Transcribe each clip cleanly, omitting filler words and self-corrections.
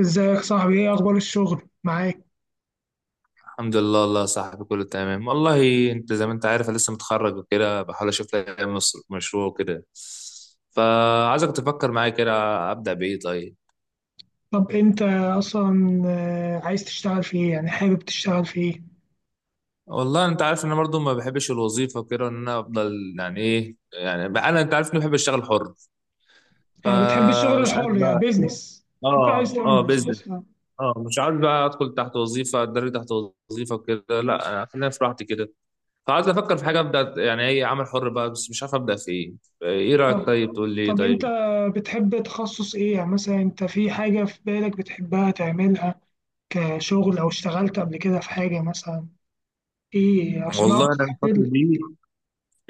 ازيك صاحبي؟ ايه اخبار الشغل معاك؟ الحمد لله والله يا صاحبي، كله تمام والله. انت زي ما انت عارف، انا لسه متخرج وكده، بحاول اشوف لي مشروع وكده. فعايزك تفكر معايا كده. ابدا بايه طيب؟ طب انت اصلا عايز تشتغل في ايه؟ يعني حابب تشتغل في ايه؟ والله انت عارف ان انا برضو ما بحبش الوظيفه وكده، ان انا افضل يعني ايه، يعني بقى انا، انت عارف اني بحب اشتغل حر. يعني بتحب الشغل فمش عارف الحر، يعني بقى. بيزنس، بتحب عايز اه، تعمل اه، بزنس. بيزنس اه، مش عارف بقى ادخل تحت وظيفه، اتدرب تحت وظيفه وكده. لا، انا خلينا في راحتي كده. فعايز افكر في حاجه ابدا، يعني ايه عمل حر بقى، بس مش عارف ابدا في ايه. ايه رايك طب طيب؟ تقول لي إيه انت طيب. بتحب تخصص ايه؟ يعني مثلا انت في حاجة في بالك بتحبها تعملها كشغل، او اشتغلت قبل كده في حاجة مثلا ايه، عشان اعرف والله انا الفتره احدد دي، لك.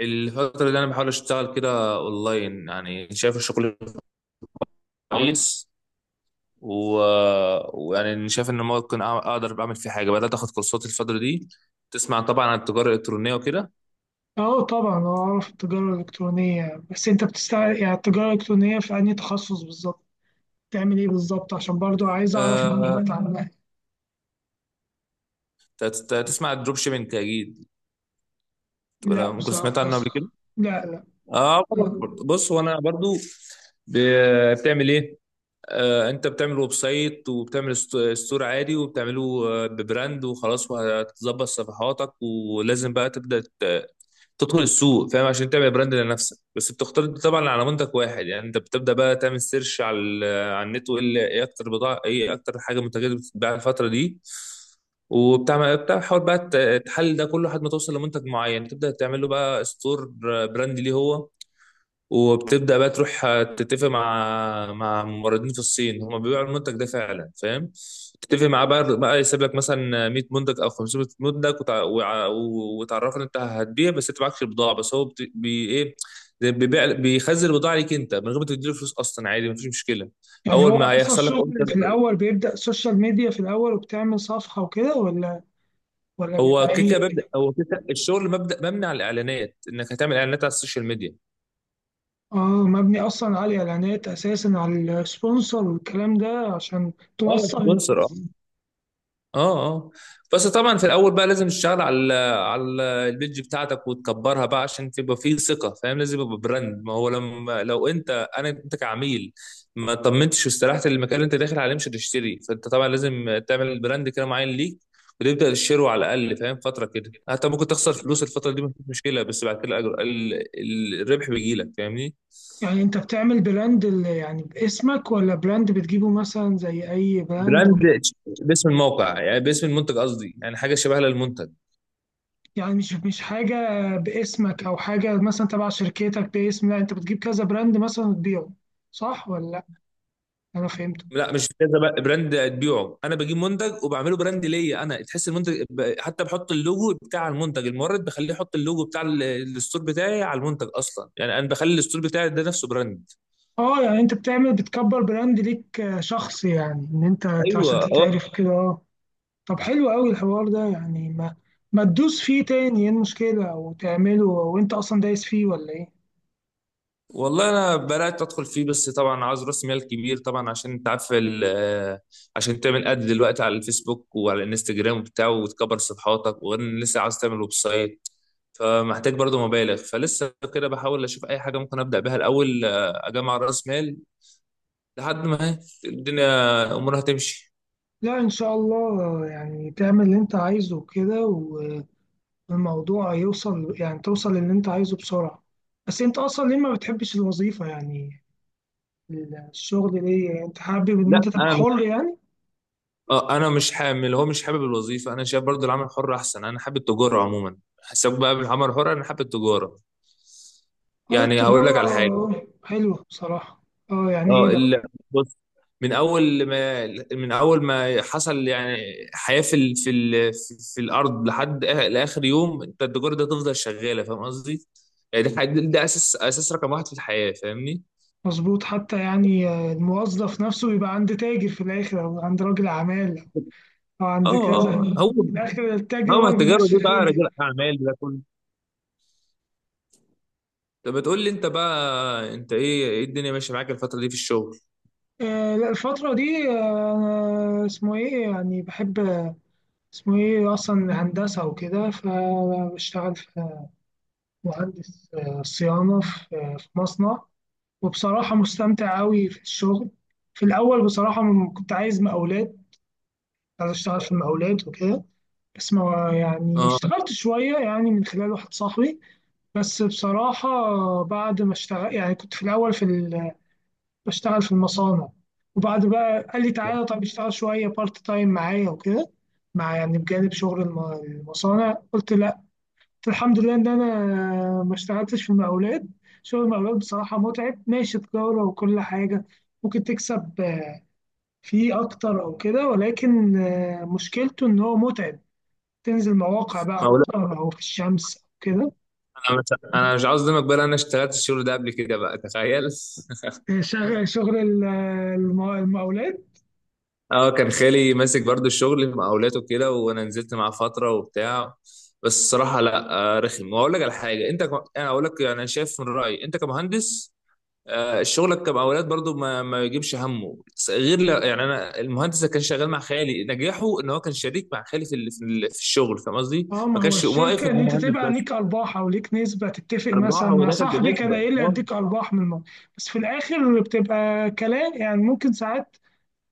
انا بحاول اشتغل كده اونلاين. يعني شايف الشغل كويس، و... ويعني شايف ان ممكن اقدر اعمل فيه حاجه. بدات اخد كورسات الفتره دي. تسمع طبعا عن التجاره الالكترونيه وكده. اه طبعا اعرف التجارة الالكترونية، بس انت بتشتغل يعني التجارة الالكترونية في انهي تخصص بالظبط؟ بتعمل إيه بالظبط؟ عشان برضو عايز أعرف أه... معلومات عنها. تسمع الدروب شيبينج اكيد، لا ولا ممكن سمعت بصراحة. عنه بس قبل كده؟ لا لا. اه. بص، وانا برضو ب... بتعمل ايه؟ انت بتعمل ويب سايت وبتعمل ستور عادي، وبتعمله ببراند وخلاص. وهتظبط صفحاتك، ولازم بقى تبدا تدخل السوق، فاهم؟ عشان تعمل براند لنفسك. بس بتختار طبعا على منتج واحد، يعني انت بتبدا بقى تعمل سيرش على النت. وايه اللي- ايه اكتر بضاعه، ايه اكتر حاجه، منتجات بتتباع الفتره دي. وبتعمل، بتحاول بقى تحلل ده كله لحد ما توصل لمنتج معين، تبدا تعمل له بقى ستور، براند ليه هو. وبتبدأ بقى تروح تتفق مع موردين في الصين هم بيبيعوا المنتج ده فعلا، فاهم؟ تتفق معاه بقى يسيب لك مثلا 100 منتج او 500 منتج، وتعرفك إن انت هتبيع، بس انت معكش البضاعه، بس هو ايه، زي بيبيع، بيخزن البضاعه ليك انت من غير ما تديله فلوس اصلا، عادي مفيش مشكله. يعني اول هو ما أصلا هيحصل لك الشغل اوردر، في الأول بيبدأ سوشيال ميديا في الأول وبتعمل صفحة وكده، ولا ولا بيبقى إيه؟ هو كيكه، الشغل مبدا مبني على الاعلانات، انك هتعمل اعلانات على السوشيال ميديا. آه. مبني أصلا على الإعلانات، أساسا على السبونسر والكلام ده، عشان اه، توصل سبونسر. للناس. اه، اه. بس طبعا في الاول بقى لازم تشتغل على ال البيج بتاعتك، وتكبرها بقى عشان تبقى فيه ثقه، فاهم؟ لازم يبقى براند. ما هو لما لو انت كعميل ما طمنتش واستريحت المكان اللي انت داخل عليه، مش هتشتري. فانت طبعا لازم تعمل براند كده معين ليك، وتبدا تشتره على الاقل، فاهم؟ فتره كده حتى ممكن تخسر فلوس الفتره دي، مفيش مشكله، بس بعد كده الربح بيجي لك، فاهمني؟ يعني أنت بتعمل براند يعني باسمك، ولا براند بتجيبه مثلا زي أي براند؟ براند باسم الموقع، يعني باسم المنتج قصدي، يعني حاجه شبه للمنتج. يعني مش حاجة باسمك أو حاجة مثلا تبع شركتك باسم، لا أنت بتجيب كذا براند مثلا وتبيعه، صح ولا لأ؟ أنا فهمت. لا، مش كذا بقى براند تبيعه. انا بجيب منتج وبعمله براند ليا انا، تحس المنتج، حتى بحط اللوجو بتاع المنتج. المورد بخليه يحط اللوجو بتاع الستور بتاعي على المنتج اصلا. يعني انا بخلي الستور بتاعي ده نفسه براند. أه، يعني أنت بتعمل بتكبر براند ليك، شخص، يعني إن أنت ايوه، عشان اه. تتعرف كده. أه، طب حلو أوي الحوار ده. يعني ما تدوس فيه تاني؟ إيه المشكلة؟ وتعمله، وأنت أصلا دايس فيه، ولا إيه؟ والله انا بدات ادخل فيه، بس طبعا عاوز راس مال كبير طبعا، عشان انت عارف عشان تعمل اد دلوقتي على الفيسبوك وعلى الانستجرام وبتاع، وتكبر صفحاتك. وغير ان لسه عاوز تعمل ويب سايت، فمحتاج برضه مبالغ. فلسه كده بحاول اشوف اي حاجه ممكن ابدا بيها الاول، اجمع راس مال لحد ما الدنيا امورها تمشي. لا إن شاء الله، يعني تعمل اللي أنت عايزه كده. الموضوع يوصل، يعني توصل للي انت عايزه بسرعة. بس انت اصلا ليه ما بتحبش الوظيفة؟ يعني الشغل، ليه يعني انت حابب ان لا، انت تبقى انا مش، حر يعني؟ اه انا مش حامل، هو مش حابب الوظيفه. انا شايف برضو العمل الحر احسن، انا حابب التجاره عموما. حساب بقى بالعمل الحر، انا حابب التجاره. اه يعني هقول لك التجارة على حاجه. حلوة بصراحة. اه، يعني ايه اه بقى؟ ال- بص، من اول ما، حصل يعني حياه في في الارض، لحد لاخر يوم، انت التجاره دي هتفضل شغاله، فاهم قصدي؟ يعني ده اساس، اساس رقم واحد في الحياه، فاهمني؟ مظبوط. حتى يعني الموظف نفسه يبقى عند تاجر في الاخر، او عند راجل اعمال، او عند اه، كذا. اه، هو في الاخر التاجر هو هو اللي التجاره دي بيمشي بقى، الدنيا. رجال اعمال ده. طب بتقول لي انت بقى، انت ايه الدنيا ماشيه معاك الفتره دي في الشغل؟ آه لا، الفترة دي آه، أنا اسمه ايه يعني بحب، اسمه ايه اصلا، هندسة وكده، فبشتغل في، مهندس صيانة في، في مصنع، وبصراحة مستمتع قوي في الشغل. في الأول بصراحة كنت عايز مقاولات، عايز أشتغل في المقاولات وكده، بس ما يعني اه. اشتغلت شوية يعني من خلال واحد صاحبي. بس بصراحة بعد ما اشتغل، يعني كنت في الأول بشتغل في المصانع، وبعد بقى قال لي تعالى طب اشتغل شوية بارت تايم معايا وكده، مع يعني بجانب شغل المصانع، قلت لا. الحمد لله ان انا ما اشتغلتش في المقاولات. شغل المقاولات بصراحه متعب. ماشي تجاره وكل حاجه ممكن تكسب فيه اكتر او كده، ولكن مشكلته ان هو متعب، تنزل مواقع بقى ما اقول، اكتر، او في الشمس او كده. انا مش انا مش عاوز اظلمك بقى، لأن انا اشتغلت الشغل ده قبل كده بقى، تخيل. شغل المقاولات. اه، كان خالي ماسك برضو الشغل، مقاولاته كده، وانا نزلت معاه فتره وبتاع، بس الصراحه لا. رخم. واقول لك على حاجه، انا اقول لك. يعني انا شايف من رايي، انت كمهندس، شغلك كمقاولات برضو ما يجيبش همه، غير يعني، انا المهندس اللي كان شغال مع خالي، نجاحه ان هو كان شريك مع خالي في الشغل، فاهم قصدي؟ اه ما ما هو كانش واقف الشركه ان ان هو انت مهندس تبقى بس، ليك ارباح، او ليك نسبه تتفق، ارباح، مثلا هو مع داخل صاحبي كان بنسبه. قايل لي اه، اديك ارباح من الموضوع، بس في الاخر بتبقى كلام، يعني ممكن ساعات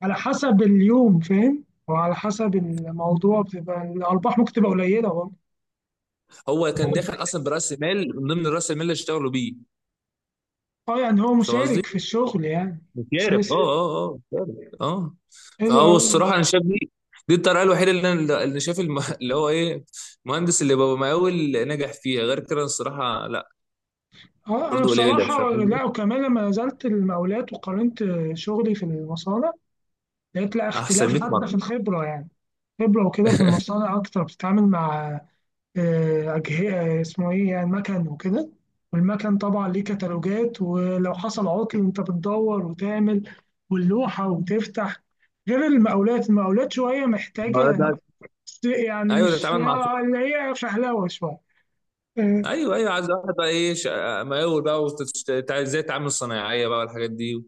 على حسب اليوم فاهم، وعلى حسب الموضوع بتبقى الأرباح ممكن تبقى قليلة برضه. هو كان داخل اصلا براس مال، من ضمن راس المال اللي اشتغلوا بيه، اه يعني هو فاهم قصدي؟ مشارك في الشغل، يعني مشارف. أساسي. اه، اه، اه، مشارف، اه. حلو فهو أوي. الصراحه انا شايف دي الطريقه الوحيده اللي شايف، اللي هو ايه، المهندس اللي بابا مقاول نجح فيها. غير كده الصراحه لا، اه أنا برضو قليله، فاهم بصراحة قصدي؟ لا، وكمان لما نزلت المقاولات وقارنت شغلي في المصانع، لقيت لا احسن اختلاف 100. حتى في الخبرة. يعني خبرة وكده في المصانع أكتر، بتتعامل مع أجهزة، اسمه إيه يعني، مكن وكده، والمكن طبعا ليه كتالوجات، ولو حصل عطل أنت بتدور وتعمل واللوحة وتفتح. غير المقاولات. المقاولات شوية ما هو محتاجة ده. يعني، ايوه، مش تتعامل مع. اللي هي فهلوة شوية. آه ايوه، ايوه، عايز واحد بقى، ايه مقاول بقى، ازاي التعامل الصناعيه بقى والحاجات دي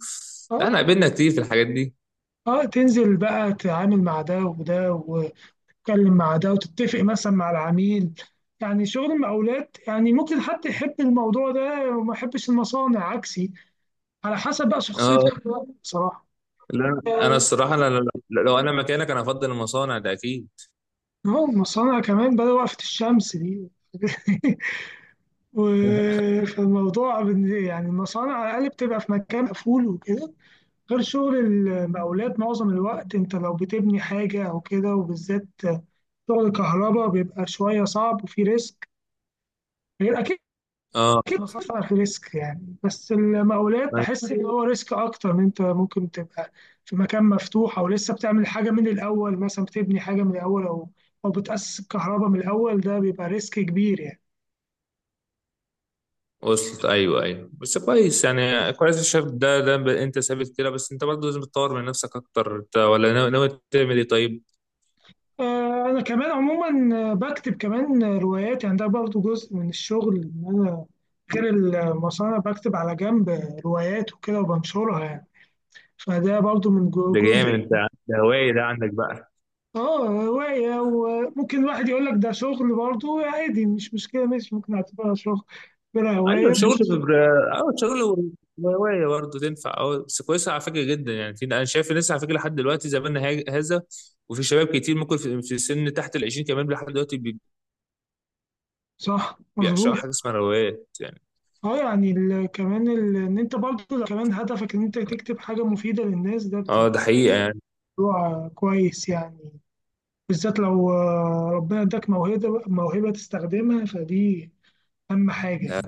آه لا، انا قابلنا كتير في الحاجات دي. تنزل بقى تتعامل مع ده وده، وتتكلم مع ده، وتتفق مثلا مع العميل. يعني شغل المقاولات يعني ممكن حد يحب الموضوع ده وما يحبش المصانع، عكسي، على حسب بقى شخصية اه، كل واحد بصراحة. لا، انا اه الصراحه، انا لو انا مكانك انا افضل المصانع ده اكيد. المصانع كمان بدأ وقفة الشمس دي فالموضوع يعني المصانع على الأقل بتبقى في مكان مقفول وكده، غير شغل المقاولات معظم الوقت أنت لو بتبني حاجة أو كده، وبالذات شغل الكهرباء بيبقى شوية صعب وفي ريسك. غير أكيد، اه. اكيد طبعا في ريسك يعني، بس المقاولات أيوة. بحس ان هو ريسك اكتر، ان انت ممكن تبقى في مكان مفتوح، او لسه بتعمل حاجه من الاول، مثلا بتبني حاجه من الاول، او او بتاسس الكهرباء من الاول، ده بيبقى ريسك كبير يعني. وصلت. ايوه، ايوه، بس كويس، يعني كويس. الشاب ده، انت ثابت كده، بس انت برضه لازم تطور من نفسك اكتر. انت ولا ناوي تعمل ايه طيب؟ انا كمان عموما بكتب كمان روايات، يعني ده برضو جزء من الشغل، ان انا غير المصانع بكتب على جنب روايات وكده وبنشرها يعني، فده برضو من ده جامد جزء. انت. ده هوايه ده عندك بقى؟ اه هواية، وممكن واحد يقول لك ده شغل برضه، عادي مش مشكلة، ماشي ممكن اعتبرها شغل، اعتبرها ايوه، هواية. اه، شغل وهوايه برضه تنفع. اه، بس كويسه على فكره جدا، يعني انا شايف الناس على فكره لحد دلوقتي، زماننا هذا. وفي شباب كتير ممكن في سن تحت ال 20 كمان لحد دلوقتي، صح بيعشقوا مظبوط. حاجه اسمها روايات يعني. اه يعني كمان ان انت برضه لو كمان هدفك ان انت تكتب حاجة مفيدة للناس، ده اه، ده بتبقى حقيقه يعني. موضوع كويس يعني. بالذات لو ربنا اداك موهبة، موهبة تستخدمها فدي اهم حاجة. لا،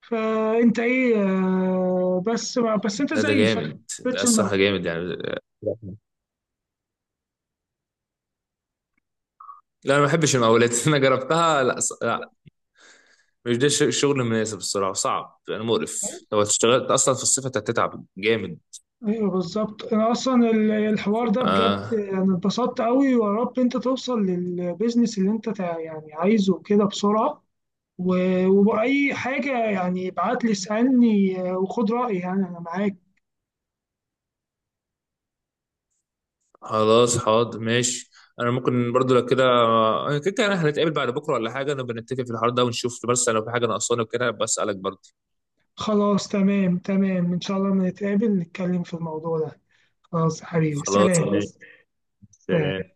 فانت ايه بس انت لا، ده زي شغال جامد، لا بتش الصراحه الموهبة. جامد يعني. لا، انا ما بحبش المقاولات. انا جربتها، لا، لا، مش ده الشغل المناسب. الصراحه صعب يعني، مقرف لو اشتغلت اصلا في الصيف هتتعب جامد. ايوه بالظبط. انا اصلا الحوار ده بجد آه انا اتبسطت قوي. ويا رب انت توصل للبيزنس اللي انت يعني عايزه كده بسرعه. وبأي حاجه يعني ابعت لي اسالني وخد رايي، يعني انا معاك. خلاص، حاضر، ماشي. انا ممكن برضو لو كده، أنا كده كده هنتقابل بعد بكره ولا حاجه، نبقى نتفق في الحوار ده ونشوف. بس لو في حاجه ناقصاني وكده بسالك برضو. خلاص تمام تمام، ان شاء الله لما نتقابل نتكلم في الموضوع ده. خلاص يا حبيبي، خلاص، سلام ماشي. خلاص. سلام. سلام.